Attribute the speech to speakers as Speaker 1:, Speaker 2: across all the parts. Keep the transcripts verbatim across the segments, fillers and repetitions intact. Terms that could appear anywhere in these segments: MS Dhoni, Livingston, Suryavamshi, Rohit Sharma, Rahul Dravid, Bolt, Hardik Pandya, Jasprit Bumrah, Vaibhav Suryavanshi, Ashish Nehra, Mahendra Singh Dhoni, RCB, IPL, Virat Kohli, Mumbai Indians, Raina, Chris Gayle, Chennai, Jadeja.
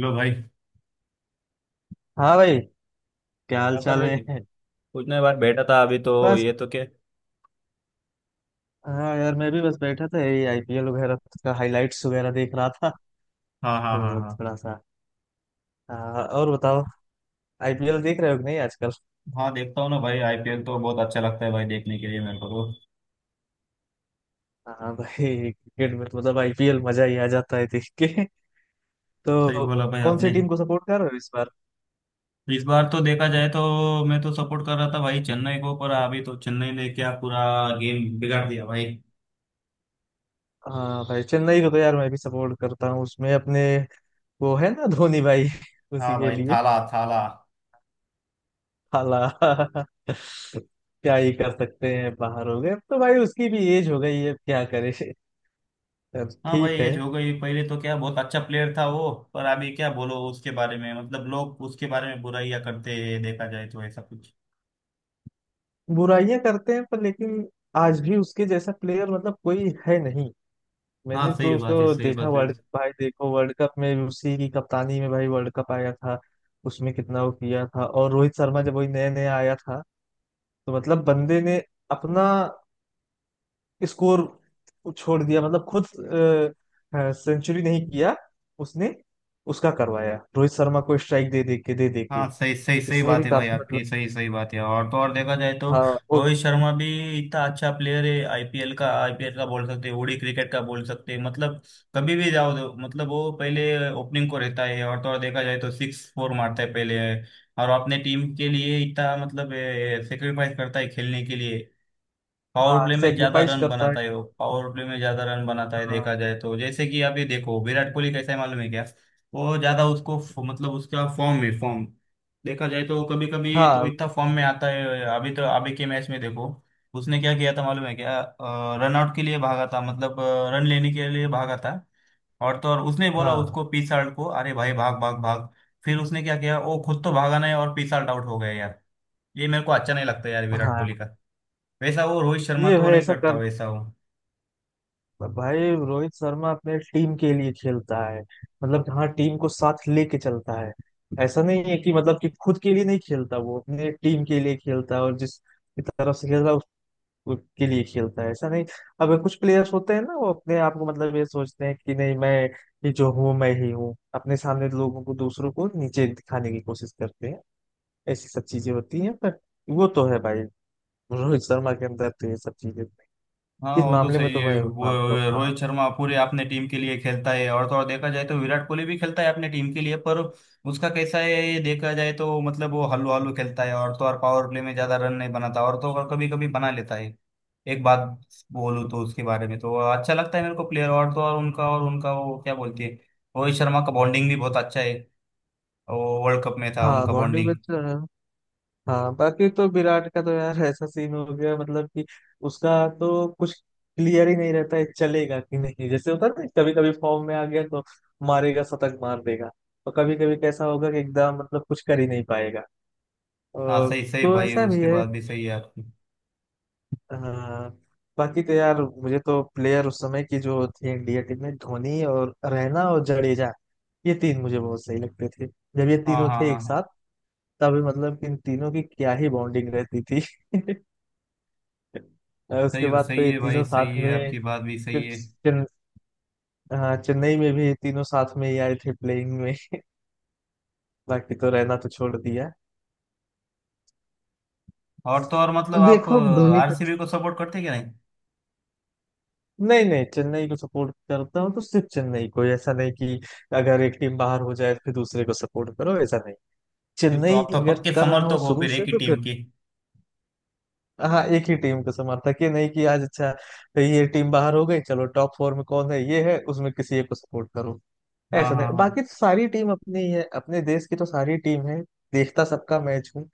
Speaker 1: लो भाई। क्या
Speaker 2: हाँ भाई। क्या हाल
Speaker 1: कर
Speaker 2: चाल
Speaker 1: रही थी?
Speaker 2: है।
Speaker 1: कुछ नहीं, बार बैठा था। अभी तो
Speaker 2: बस।
Speaker 1: ये तो क्या।
Speaker 2: हाँ यार मैं भी बस बैठा था यही आईपीएल वगैरह का हाइलाइट्स वगैरह देख रहा था
Speaker 1: हाँ, हाँ, हाँ,
Speaker 2: तो
Speaker 1: हाँ,
Speaker 2: थोड़ा सा। हाँ, और बताओ। आईपीएल देख रहे हो कि नहीं आजकल।
Speaker 1: हाँ। देखता हूँ ना भाई, आईपीएल तो बहुत अच्छा लगता है भाई देखने के लिए मेरे को तो।
Speaker 2: हाँ भाई क्रिकेट में तो मतलब आईपीएल मजा ही आ जाता है देख के
Speaker 1: सही
Speaker 2: तो।
Speaker 1: बोला भाई
Speaker 2: कौन सी
Speaker 1: आपने।
Speaker 2: टीम को सपोर्ट कर रहे हो इस बार।
Speaker 1: इस बार तो देखा जाए तो मैं तो सपोर्ट कर रहा था भाई चेन्नई को, पर अभी तो चेन्नई ने क्या पूरा गेम बिगाड़ दिया भाई।
Speaker 2: हाँ भाई चेन्नई को तो यार मैं भी सपोर्ट करता हूँ उसमें अपने वो है ना धोनी भाई। उसी
Speaker 1: हाँ
Speaker 2: के
Speaker 1: भाई,
Speaker 2: लिए।
Speaker 1: थाला थाला।
Speaker 2: हाला। क्या ही कर सकते हैं बाहर हो गए अब तो भाई उसकी भी एज हो गई है अब क्या करे। यार
Speaker 1: हाँ भाई,
Speaker 2: ठीक है।
Speaker 1: एज हो गई। पहले तो क्या बहुत अच्छा प्लेयर था वो, पर अभी क्या बोलो उसके बारे में, मतलब लोग उसके बारे में बुराइयां करते हैं, देखा जाए तो ऐसा कुछ।
Speaker 2: बुराइयां करते हैं पर लेकिन आज भी उसके जैसा प्लेयर मतलब कोई है नहीं।
Speaker 1: हाँ,
Speaker 2: मैंने तो
Speaker 1: सही बात है,
Speaker 2: उसको
Speaker 1: सही
Speaker 2: देखा
Speaker 1: बात है।
Speaker 2: वर्ल्ड कप भाई, देखो वर्ल्ड कप में भी उसी की कप्तानी में भाई वर्ल्ड कप आया था। उसमें कितना वो किया था, और रोहित शर्मा जब वही नया नया आया था, तो मतलब बंदे ने अपना स्कोर छोड़ दिया, मतलब खुद सेंचुरी नहीं किया उसने, उसका करवाया रोहित शर्मा को स्ट्राइक दे दे के दे दे के।
Speaker 1: हाँ, सही सही सही
Speaker 2: इसमें भी
Speaker 1: बात है भाई
Speaker 2: काफी मतलब।
Speaker 1: आपकी, सही सही बात है। और तो और देखा जाए तो
Speaker 2: हाँ। और।
Speaker 1: रोहित शर्मा भी इतना अच्छा प्लेयर है। आईपीएल का, आईपीएल का बोल सकते हैं, ओडी क्रिकेट का बोल सकते हैं, मतलब कभी भी जाओ। दो मतलब वो पहले ओपनिंग को रहता है, और तो और देखा जाए तो सिक्स फोर मारता है पहले। और अपने टीम के लिए इतना मतलब सेक्रीफाइस करता है खेलने के लिए। पावर
Speaker 2: हाँ
Speaker 1: प्ले में ज्यादा
Speaker 2: सेक्रीफाइस
Speaker 1: रन
Speaker 2: करता
Speaker 1: बनाता
Speaker 2: है।
Speaker 1: है वो, पावर प्ले में ज्यादा रन बनाता है।
Speaker 2: हाँ
Speaker 1: देखा जाए तो जैसे कि आप ये देखो विराट कोहली कैसा है, मालूम है क्या। वो ज्यादा उसको फ- मतलब उसका फॉर्म में फॉर्म देखा जाए तो, कभी कभी तो
Speaker 2: हाँ
Speaker 1: इतना फॉर्म में आता है। अभी तो अभी के मैच में देखो उसने क्या किया था, मालूम है क्या? रन आउट के लिए भागा था, मतलब रन लेने के लिए भागा था। और तो और उसने बोला
Speaker 2: हाँ
Speaker 1: उसको पिसाल्ट को, अरे भाई, भाग भाग भाग। फिर उसने क्या किया? वो खुद तो भागा नहीं और पिसाल्ट आउट हो गया यार। ये मेरे को अच्छा नहीं लगता यार विराट
Speaker 2: हाँ।
Speaker 1: कोहली का। वैसा वो रोहित शर्मा
Speaker 2: ये
Speaker 1: तो
Speaker 2: भाई
Speaker 1: नहीं
Speaker 2: ऐसा
Speaker 1: करता
Speaker 2: कर,
Speaker 1: वैसा वो।
Speaker 2: भाई रोहित शर्मा अपने टीम के लिए खेलता है, मतलब कि हाँ टीम को साथ लेके चलता है। ऐसा नहीं है कि मतलब कि खुद के लिए नहीं खेलता, वो अपने टीम के लिए खेलता है और जिस की तरफ से खेलता है उस उसके लिए खेलता है, ऐसा नहीं। अब कुछ प्लेयर्स होते हैं ना, वो अपने आप को मतलब ये सोचते हैं कि नहीं मैं ये जो हूँ मैं ही हूँ, अपने सामने लोगों को, दूसरों को नीचे दिखाने की कोशिश करते हैं। ऐसी सब चीजें होती हैं पर वो तो है भाई रोहित शर्मा के अंदर तो ये सब चीजें।
Speaker 1: हाँ,
Speaker 2: इस
Speaker 1: वो तो
Speaker 2: मामले में
Speaker 1: सही
Speaker 2: तो
Speaker 1: है।
Speaker 2: मैं
Speaker 1: वो
Speaker 2: मानता हूँ,
Speaker 1: वो
Speaker 2: हाँ।
Speaker 1: रोहित शर्मा पूरे अपने टीम के लिए खेलता है। और तो और देखा जाए तो विराट कोहली भी खेलता है अपने टीम के लिए, पर उसका कैसा है ये देखा जाए तो, मतलब वो हल्लू हल्लू खेलता है। और तो और पावर प्ले में ज्यादा रन नहीं बनाता, और तो और कभी कभी बना लेता है। एक बात बोलूँ तो उसके बारे में, तो अच्छा लगता है मेरे को प्लेयर। और तो और उनका और उनका वो क्या बोलती है, रोहित शर्मा का बॉन्डिंग भी बहुत अच्छा है। वो वर्ल्ड कप में था
Speaker 2: हाँ
Speaker 1: उनका
Speaker 2: बॉन्डिंग में
Speaker 1: बॉन्डिंग।
Speaker 2: अच्छा है। हाँ बाकी तो विराट का तो यार ऐसा सीन हो गया, मतलब कि उसका तो कुछ क्लियर ही नहीं रहता है, चलेगा कि नहीं, जैसे होता है ना कभी कभी फॉर्म में आ गया तो मारेगा, शतक मार देगा। और कभी कभी कैसा होगा कि एकदम मतलब कुछ कर ही नहीं पाएगा,
Speaker 1: हाँ,
Speaker 2: और
Speaker 1: सही सही
Speaker 2: तो
Speaker 1: भाई,
Speaker 2: ऐसा भी
Speaker 1: उसके
Speaker 2: है।
Speaker 1: बाद भी सही है आपकी।
Speaker 2: हाँ बाकी तो यार मुझे तो प्लेयर उस समय की जो थी इंडिया टीम में, धोनी और रैना और जडेजा, ये तीन मुझे बहुत सही लगते थे। जब ये
Speaker 1: हाँ,
Speaker 2: तीनों
Speaker 1: हाँ,
Speaker 2: थे एक
Speaker 1: हाँ।
Speaker 2: साथ, तब मतलब इन तीनों की क्या ही बॉन्डिंग रहती थी। और उसके
Speaker 1: सही
Speaker 2: बाद तो
Speaker 1: सही
Speaker 2: ये
Speaker 1: है भाई,
Speaker 2: तीनों
Speaker 1: सही
Speaker 2: साथ
Speaker 1: है
Speaker 2: में।
Speaker 1: आपकी बात भी सही
Speaker 2: फिर
Speaker 1: है।
Speaker 2: चेन, हाँ चेन्नई में भी ये तीनों साथ में ही आए थे प्लेइंग में। बाकी तो रहना तो छोड़ दिया।
Speaker 1: और तो और मतलब
Speaker 2: अब
Speaker 1: आप
Speaker 2: देखो अब धोनी का।
Speaker 1: आरसीबी को सपोर्ट करते हैं क्या, नहीं?
Speaker 2: नहीं नहीं, चेन्नई को सपोर्ट करता हूँ तो सिर्फ चेन्नई को, ऐसा नहीं कि अगर एक टीम बाहर हो जाए तो फिर दूसरे को सपोर्ट करो, ऐसा नहीं।
Speaker 1: फिर तो
Speaker 2: चेन्नई
Speaker 1: आप तो
Speaker 2: अगर
Speaker 1: पक्के
Speaker 2: कर रहा हूँ
Speaker 1: समर्थक हो
Speaker 2: शुरू
Speaker 1: फिर एक
Speaker 2: से
Speaker 1: ही
Speaker 2: तो फिर।
Speaker 1: टीम के।
Speaker 2: हाँ एक ही टीम को समर्थक, ये नहीं कि आज अच्छा ये टीम बाहर हो गई चलो टॉप फोर में कौन है ये है उसमें किसी एक को सपोर्ट करो।
Speaker 1: हाँ,
Speaker 2: ऐसा नहीं,
Speaker 1: हाँ, हाँ,
Speaker 2: बाकी तो सारी टीम अपनी ही है, अपने देश की तो सारी टीम है। देखता सबका मैच हूँ,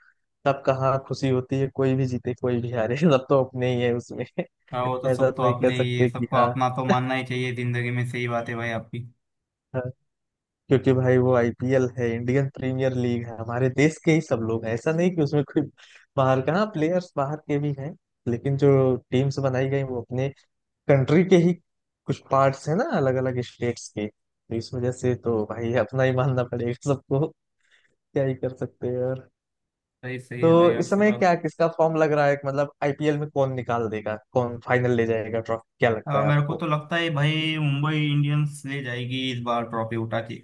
Speaker 2: सबका, हाँ खुशी होती है कोई भी जीते कोई भी हारे, सब तो अपने ही है उसमें।
Speaker 1: हाँ। वो तो
Speaker 2: ऐसा
Speaker 1: सब
Speaker 2: तो
Speaker 1: तो,
Speaker 2: नहीं कह
Speaker 1: आपने ये
Speaker 2: सकते कि
Speaker 1: सबको
Speaker 2: हाँ।
Speaker 1: अपना तो मानना ही चाहिए जिंदगी में। सही बात है भाई आपकी,
Speaker 2: हाँ, क्योंकि भाई वो आईपीएल है, इंडियन प्रीमियर लीग है, हमारे देश के ही सब लोग हैं, ऐसा नहीं कि उसमें कोई बाहर का, हाँ प्लेयर्स बाहर के भी हैं, लेकिन जो टीम्स बनाई गई वो अपने कंट्री के ही कुछ पार्ट्स हैं ना, अलग अलग स्टेट्स के, तो इस वजह से तो भाई अपना ही मानना पड़ेगा सबको। क्या ही कर सकते हैं यार।
Speaker 1: सही सही
Speaker 2: तो
Speaker 1: है भाई
Speaker 2: इस
Speaker 1: आपकी
Speaker 2: समय
Speaker 1: बात।
Speaker 2: क्या किसका फॉर्म लग रहा है, मतलब आईपीएल में कौन निकाल देगा, कौन फाइनल ले जाएगा ट्रॉफी, क्या लगता
Speaker 1: हाँ,
Speaker 2: है
Speaker 1: मेरे को
Speaker 2: आपको।
Speaker 1: तो लगता है भाई मुंबई इंडियंस ले जाएगी इस बार ट्रॉफी उठा के।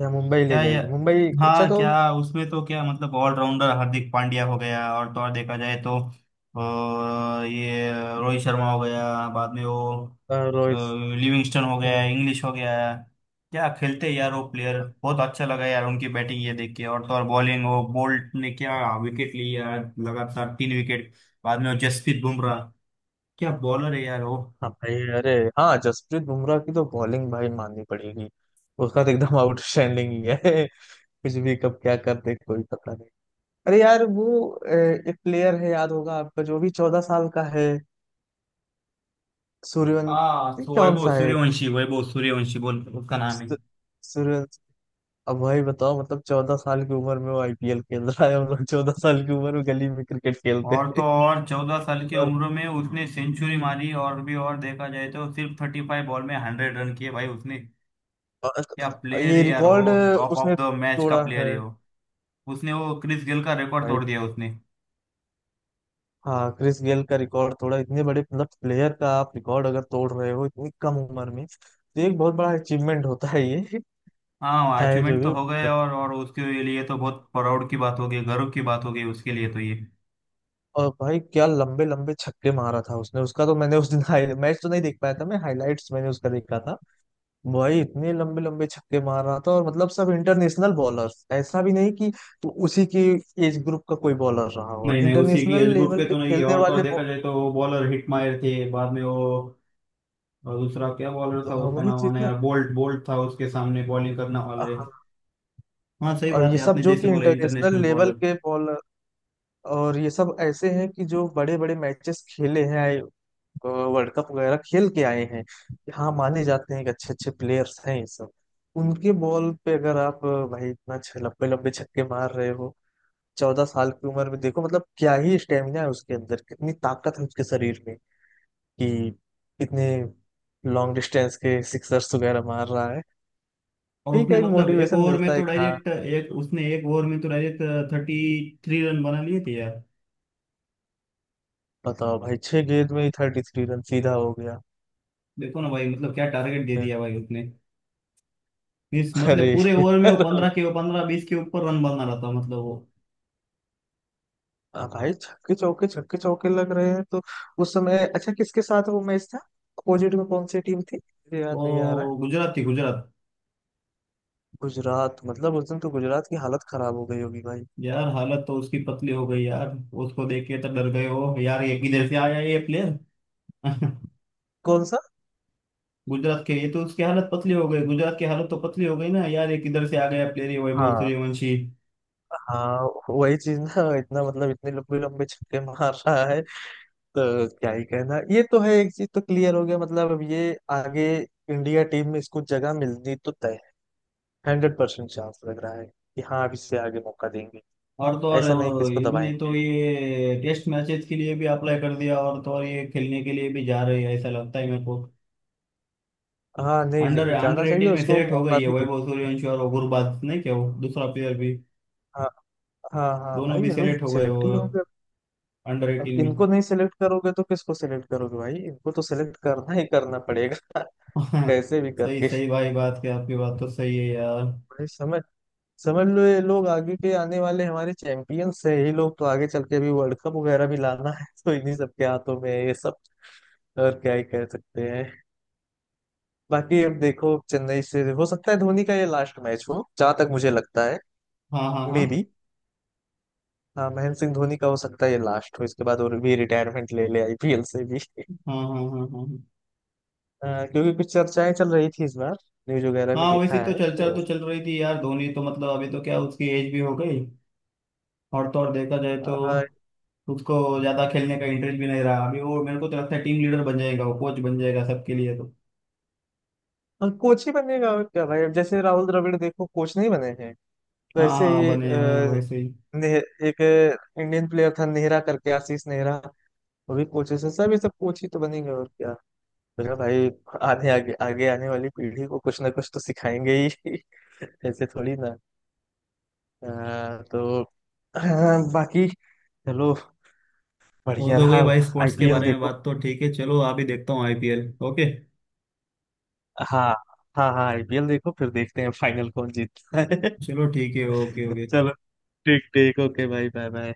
Speaker 2: क्या मुंबई ले
Speaker 1: क्या ये,
Speaker 2: जाएगी? मुंबई, अच्छा
Speaker 1: हाँ
Speaker 2: तो।
Speaker 1: क्या। उसमें तो क्या मतलब ऑलराउंडर हार्दिक पांड्या हो गया, और तो और देखा जाए तो अ, ये रोहित शर्मा हो गया। बाद में वो
Speaker 2: अ,
Speaker 1: अ,
Speaker 2: रोहित।
Speaker 1: लिविंगस्टन हो गया,
Speaker 2: हम्म,
Speaker 1: इंग्लिश हो गया। क्या खेलते यार वो प्लेयर, बहुत अच्छा लगा यार उनकी बैटिंग ये देख के। और तो और बॉलिंग वो बोल्ट ने क्या विकेट ली यार, लगातार तीन विकेट। बाद में वो जसप्रीत बुमराह, क्या बॉलर है यार वो।
Speaker 2: हाँ भाई, अरे। हाँ जसप्रीत बुमराह की तो बॉलिंग भाई माननी पड़ेगी। उसका तो एकदम आउटस्टैंडिंग ही है। कुछ भी कब क्या कर दे कोई पता नहीं। अरे यार वो अ, एक प्लेयर है, याद होगा आपका, जो भी चौदह साल का है।
Speaker 1: हाँ
Speaker 2: सूर्यवंशी
Speaker 1: सो
Speaker 2: कौन
Speaker 1: वैभव
Speaker 2: सा है।
Speaker 1: सूर्यवंशी, वैभव सूर्यवंशी बोल उसका नाम है।
Speaker 2: सूर्यवंशी। अब भाई बताओ मतलब चौदह साल की उम्र में वो आईपीएल खेल रहा है, हम लोग चौदह साल की उम्र में गली में क्रिकेट खेलते
Speaker 1: और तो
Speaker 2: थे।
Speaker 1: और चौदह साल की
Speaker 2: और
Speaker 1: उम्र में उसने सेंचुरी मारी, और भी और देखा जाए तो सिर्फ थर्टी फाइव बॉल में हंड्रेड रन किए भाई उसने। क्या
Speaker 2: और
Speaker 1: प्लेयर है
Speaker 2: ये
Speaker 1: यार वो,
Speaker 2: रिकॉर्ड
Speaker 1: टॉप ऑफ
Speaker 2: उसने
Speaker 1: द मैच का
Speaker 2: तोड़ा
Speaker 1: प्लेयर
Speaker 2: है।
Speaker 1: है वो। उसने वो क्रिस गेल का रिकॉर्ड
Speaker 2: भाई।
Speaker 1: तोड़ दिया उसने।
Speaker 2: हाँ क्रिस गेल का रिकॉर्ड तोड़ा, इतने बड़े मतलब प्लेयर का आप रिकॉर्ड अगर तोड़ रहे हो इतनी कम उम्र में, तो एक बहुत बड़ा अचीवमेंट होता है ये।
Speaker 1: हाँ,
Speaker 2: है जो
Speaker 1: अचीवमेंट तो
Speaker 2: भी
Speaker 1: हो गए,
Speaker 2: मतलब।
Speaker 1: और और उसके लिए तो बहुत प्राउड की बात हो गई, गर्व की बात हो गई उसके लिए तो ये।
Speaker 2: और भाई क्या लंबे लंबे छक्के मारा था उसने, उसका तो मैंने उस दिन मैच तो नहीं देख पाया था, मैं हाईलाइट्स मैंने उसका देखा था। वही इतने लंबे लंबे छक्के मार रहा था और मतलब सब इंटरनेशनल बॉलर्स, ऐसा भी नहीं कि तो उसी की एज ग्रुप का कोई बॉलर रहा हो,
Speaker 1: नहीं नहीं, उसी की
Speaker 2: इंटरनेशनल
Speaker 1: एज ग्रुप
Speaker 2: लेवल
Speaker 1: के
Speaker 2: पे
Speaker 1: तो नहीं है,
Speaker 2: खेलने
Speaker 1: और तो और
Speaker 2: वाले
Speaker 1: देखा
Speaker 2: बॉ-
Speaker 1: जाए तो वो बॉलर हिट मायर थे। बाद में वो, और दूसरा क्या बॉलर था
Speaker 2: हाँ
Speaker 1: उसका
Speaker 2: वही
Speaker 1: नाम,
Speaker 2: चीज
Speaker 1: आना
Speaker 2: ना।
Speaker 1: यार बोल्ट, बोल्ट था उसके सामने बॉलिंग करने वाला।
Speaker 2: हाँ।
Speaker 1: हाँ सही
Speaker 2: और
Speaker 1: बात
Speaker 2: ये
Speaker 1: है
Speaker 2: सब
Speaker 1: आपने
Speaker 2: जो
Speaker 1: जैसे
Speaker 2: कि
Speaker 1: बोला
Speaker 2: इंटरनेशनल
Speaker 1: इंटरनेशनल
Speaker 2: लेवल
Speaker 1: बॉलर।
Speaker 2: के बॉलर, और ये सब ऐसे हैं कि जो बड़े बड़े मैचेस खेले हैं, वर्ल्ड कप वगैरह खेल के आए हैं। हाँ माने जाते हैं कि अच्छे अच्छे प्लेयर्स हैं ये सब। उनके बॉल पे अगर आप, भाई इतना छ- लंबे लंबे छक्के मार रहे हो चौदह साल की उम्र में, देखो मतलब क्या ही स्टेमिना है उसके अंदर, कितनी ताकत है उसके शरीर में, कि इतने लॉन्ग डिस्टेंस के सिक्सर्स वगैरह मार रहा है।
Speaker 1: और
Speaker 2: ठीक
Speaker 1: उसने
Speaker 2: है, एक
Speaker 1: मतलब एक
Speaker 2: मोटिवेशन
Speaker 1: ओवर में
Speaker 2: मिलता
Speaker 1: तो
Speaker 2: है कि हाँ।
Speaker 1: डायरेक्ट एक उसने एक ओवर में तो डायरेक्ट थर्टी थ्री रन बना लिए थे यार।
Speaker 2: बताओ भाई छह गेंद में ही थर्टी थ्री रन सीधा हो गया।
Speaker 1: देखो ना भाई, मतलब क्या टारगेट दे दिया भाई उसने। मीन्स मतलब
Speaker 2: अरे।
Speaker 1: पूरे ओवर में वो पंद्रह के पंद्रह बीस के ऊपर रन बना रहा था, मतलब वो।
Speaker 2: हाँ भाई छक्के चौके छक्के चौके लग रहे हैं तो। उस समय अच्छा किसके साथ वो मैच था, अपोजिट में कौन सी टीम थी मुझे याद नहीं आ रहा है।
Speaker 1: वो गुजरात थी, गुजरात।
Speaker 2: गुजरात, मतलब उस दिन तो गुजरात की हालत खराब हो गई होगी भाई।
Speaker 1: यार हालत तो उसकी पतली हो गई यार, उसको देख के तो डर गए हो यार, ये किधर से आया ये प्लेयर।
Speaker 2: कौन सा।
Speaker 1: गुजरात के, ये तो उसकी हालत पतली हो गई, गुजरात की हालत तो पतली हो गई ना यार, ये किधर से आ गया प्लेयर ये वैभव
Speaker 2: हाँ।
Speaker 1: सूर्यवंशी।
Speaker 2: हाँ वही चीज ना, इतना मतलब इतने लंबे लंबे छक्के मार रहा है, तो क्या ही कहना, ये तो है एक चीज तो क्लियर हो गया, मतलब अब ये आगे इंडिया टीम में इसको जगह मिलनी तो तय है। हंड्रेड परसेंट चांस लग रहा है कि हाँ अब इससे आगे मौका देंगे।
Speaker 1: और तो
Speaker 2: ऐसा नहीं कि
Speaker 1: और
Speaker 2: इसको
Speaker 1: इसने
Speaker 2: दबाएंगे।
Speaker 1: तो ये टेस्ट मैचेस के लिए भी अप्लाई कर दिया, और तो और ये खेलने के लिए भी जा रही है ऐसा लगता है मेरे को।
Speaker 2: हाँ नहीं,
Speaker 1: अंडर
Speaker 2: ज- जाना
Speaker 1: अंडर
Speaker 2: चाहिए,
Speaker 1: एटीन में
Speaker 2: उसको
Speaker 1: सेलेक्ट हो
Speaker 2: मौका
Speaker 1: गई है
Speaker 2: भी दे।
Speaker 1: वैभव सूर्यवंशी, और गुरबाज नहीं क्या वो दूसरा प्लेयर भी।
Speaker 2: हाँ हाँ, हाँ
Speaker 1: दोनों
Speaker 2: भाई
Speaker 1: भी
Speaker 2: ये लोग
Speaker 1: सेलेक्ट हो गए
Speaker 2: सिलेक्ट
Speaker 1: वो
Speaker 2: ही होंगे।
Speaker 1: अंडर
Speaker 2: अब
Speaker 1: एटीन में।
Speaker 2: इनको नहीं सिलेक्ट करोगे तो किसको सिलेक्ट करोगे भाई, इनको तो सिलेक्ट करना ही करना पड़ेगा। कैसे भी
Speaker 1: सही
Speaker 2: करके।
Speaker 1: सही भाई बात, क्या आपकी बात तो सही है यार।
Speaker 2: भाई समझ समझ लो ये लोग आगे के आने वाले हमारे चैंपियंस है, ये लोग तो आगे चल के अभी वर्ल्ड कप वगैरह भी लाना है तो इन्हीं सब के हाथों में है ये सब। और क्या ही कह सकते हैं। बाकी अब देखो चेन्नई से हो सकता है धोनी का ये लास्ट मैच हो, जहां तक मुझे लगता है।
Speaker 1: हाँ, हाँ, हाँ,
Speaker 2: मे बी। हाँ महेंद्र सिंह धोनी का हो सकता है ये लास्ट हो, इसके बाद और भी रिटायरमेंट ले ले आईपीएल से भी।
Speaker 1: हाँ, हाँ, हाँ, हाँ, हाँ।
Speaker 2: अ, क्योंकि कुछ चर्चाएं चल रही थी इस बार न्यूज वगैरह में
Speaker 1: हाँ,
Speaker 2: देखा
Speaker 1: वैसे तो
Speaker 2: है
Speaker 1: चर्चा
Speaker 2: तो।
Speaker 1: तो चल रही थी यार, धोनी तो मतलब अभी तो क्या उसकी एज भी हो गई, और तो और देखा जाए तो
Speaker 2: अ,
Speaker 1: उसको ज्यादा खेलने का इंटरेस्ट भी नहीं रहा अभी। वो मेरे को तो लगता है टीम लीडर बन जाएगा, वो कोच बन जाएगा सबके लिए तो।
Speaker 2: और कोच ही बनेगा और क्या भाई, अब जैसे राहुल द्रविड़ देखो कोच नहीं बने हैं,
Speaker 1: हाँ,
Speaker 2: वैसे
Speaker 1: हाँ, हाँ,
Speaker 2: ही
Speaker 1: बने हाँ, वैसे ही।
Speaker 2: नेह- एक इंडियन प्लेयर था नेहरा करके, आशीष नेहरा, वो भी कोचेस है, सब ये सब कोच ही तो बनेंगे, और क्या। बोला भाई आने आगे आगे आने वाली पीढ़ी को कुछ ना कुछ तो सिखाएंगे ही। ऐसे थोड़ी ना। अ, तो बाकी चलो,
Speaker 1: वो
Speaker 2: बढ़िया
Speaker 1: तो गई
Speaker 2: रहा।
Speaker 1: भाई, स्पोर्ट्स के
Speaker 2: आईपीएल
Speaker 1: बारे में
Speaker 2: देखो।
Speaker 1: बात तो ठीक है, चलो अभी देखता हूँ आईपीएल, ओके।
Speaker 2: हाँ। हाँ हाँ आईपीएल देखो, फिर देखते हैं फाइनल कौन जीतता है।
Speaker 1: चलो ठीक है, ओके ओके।
Speaker 2: चलो, ठीक ठीक, ओके भाई, बाय बाय।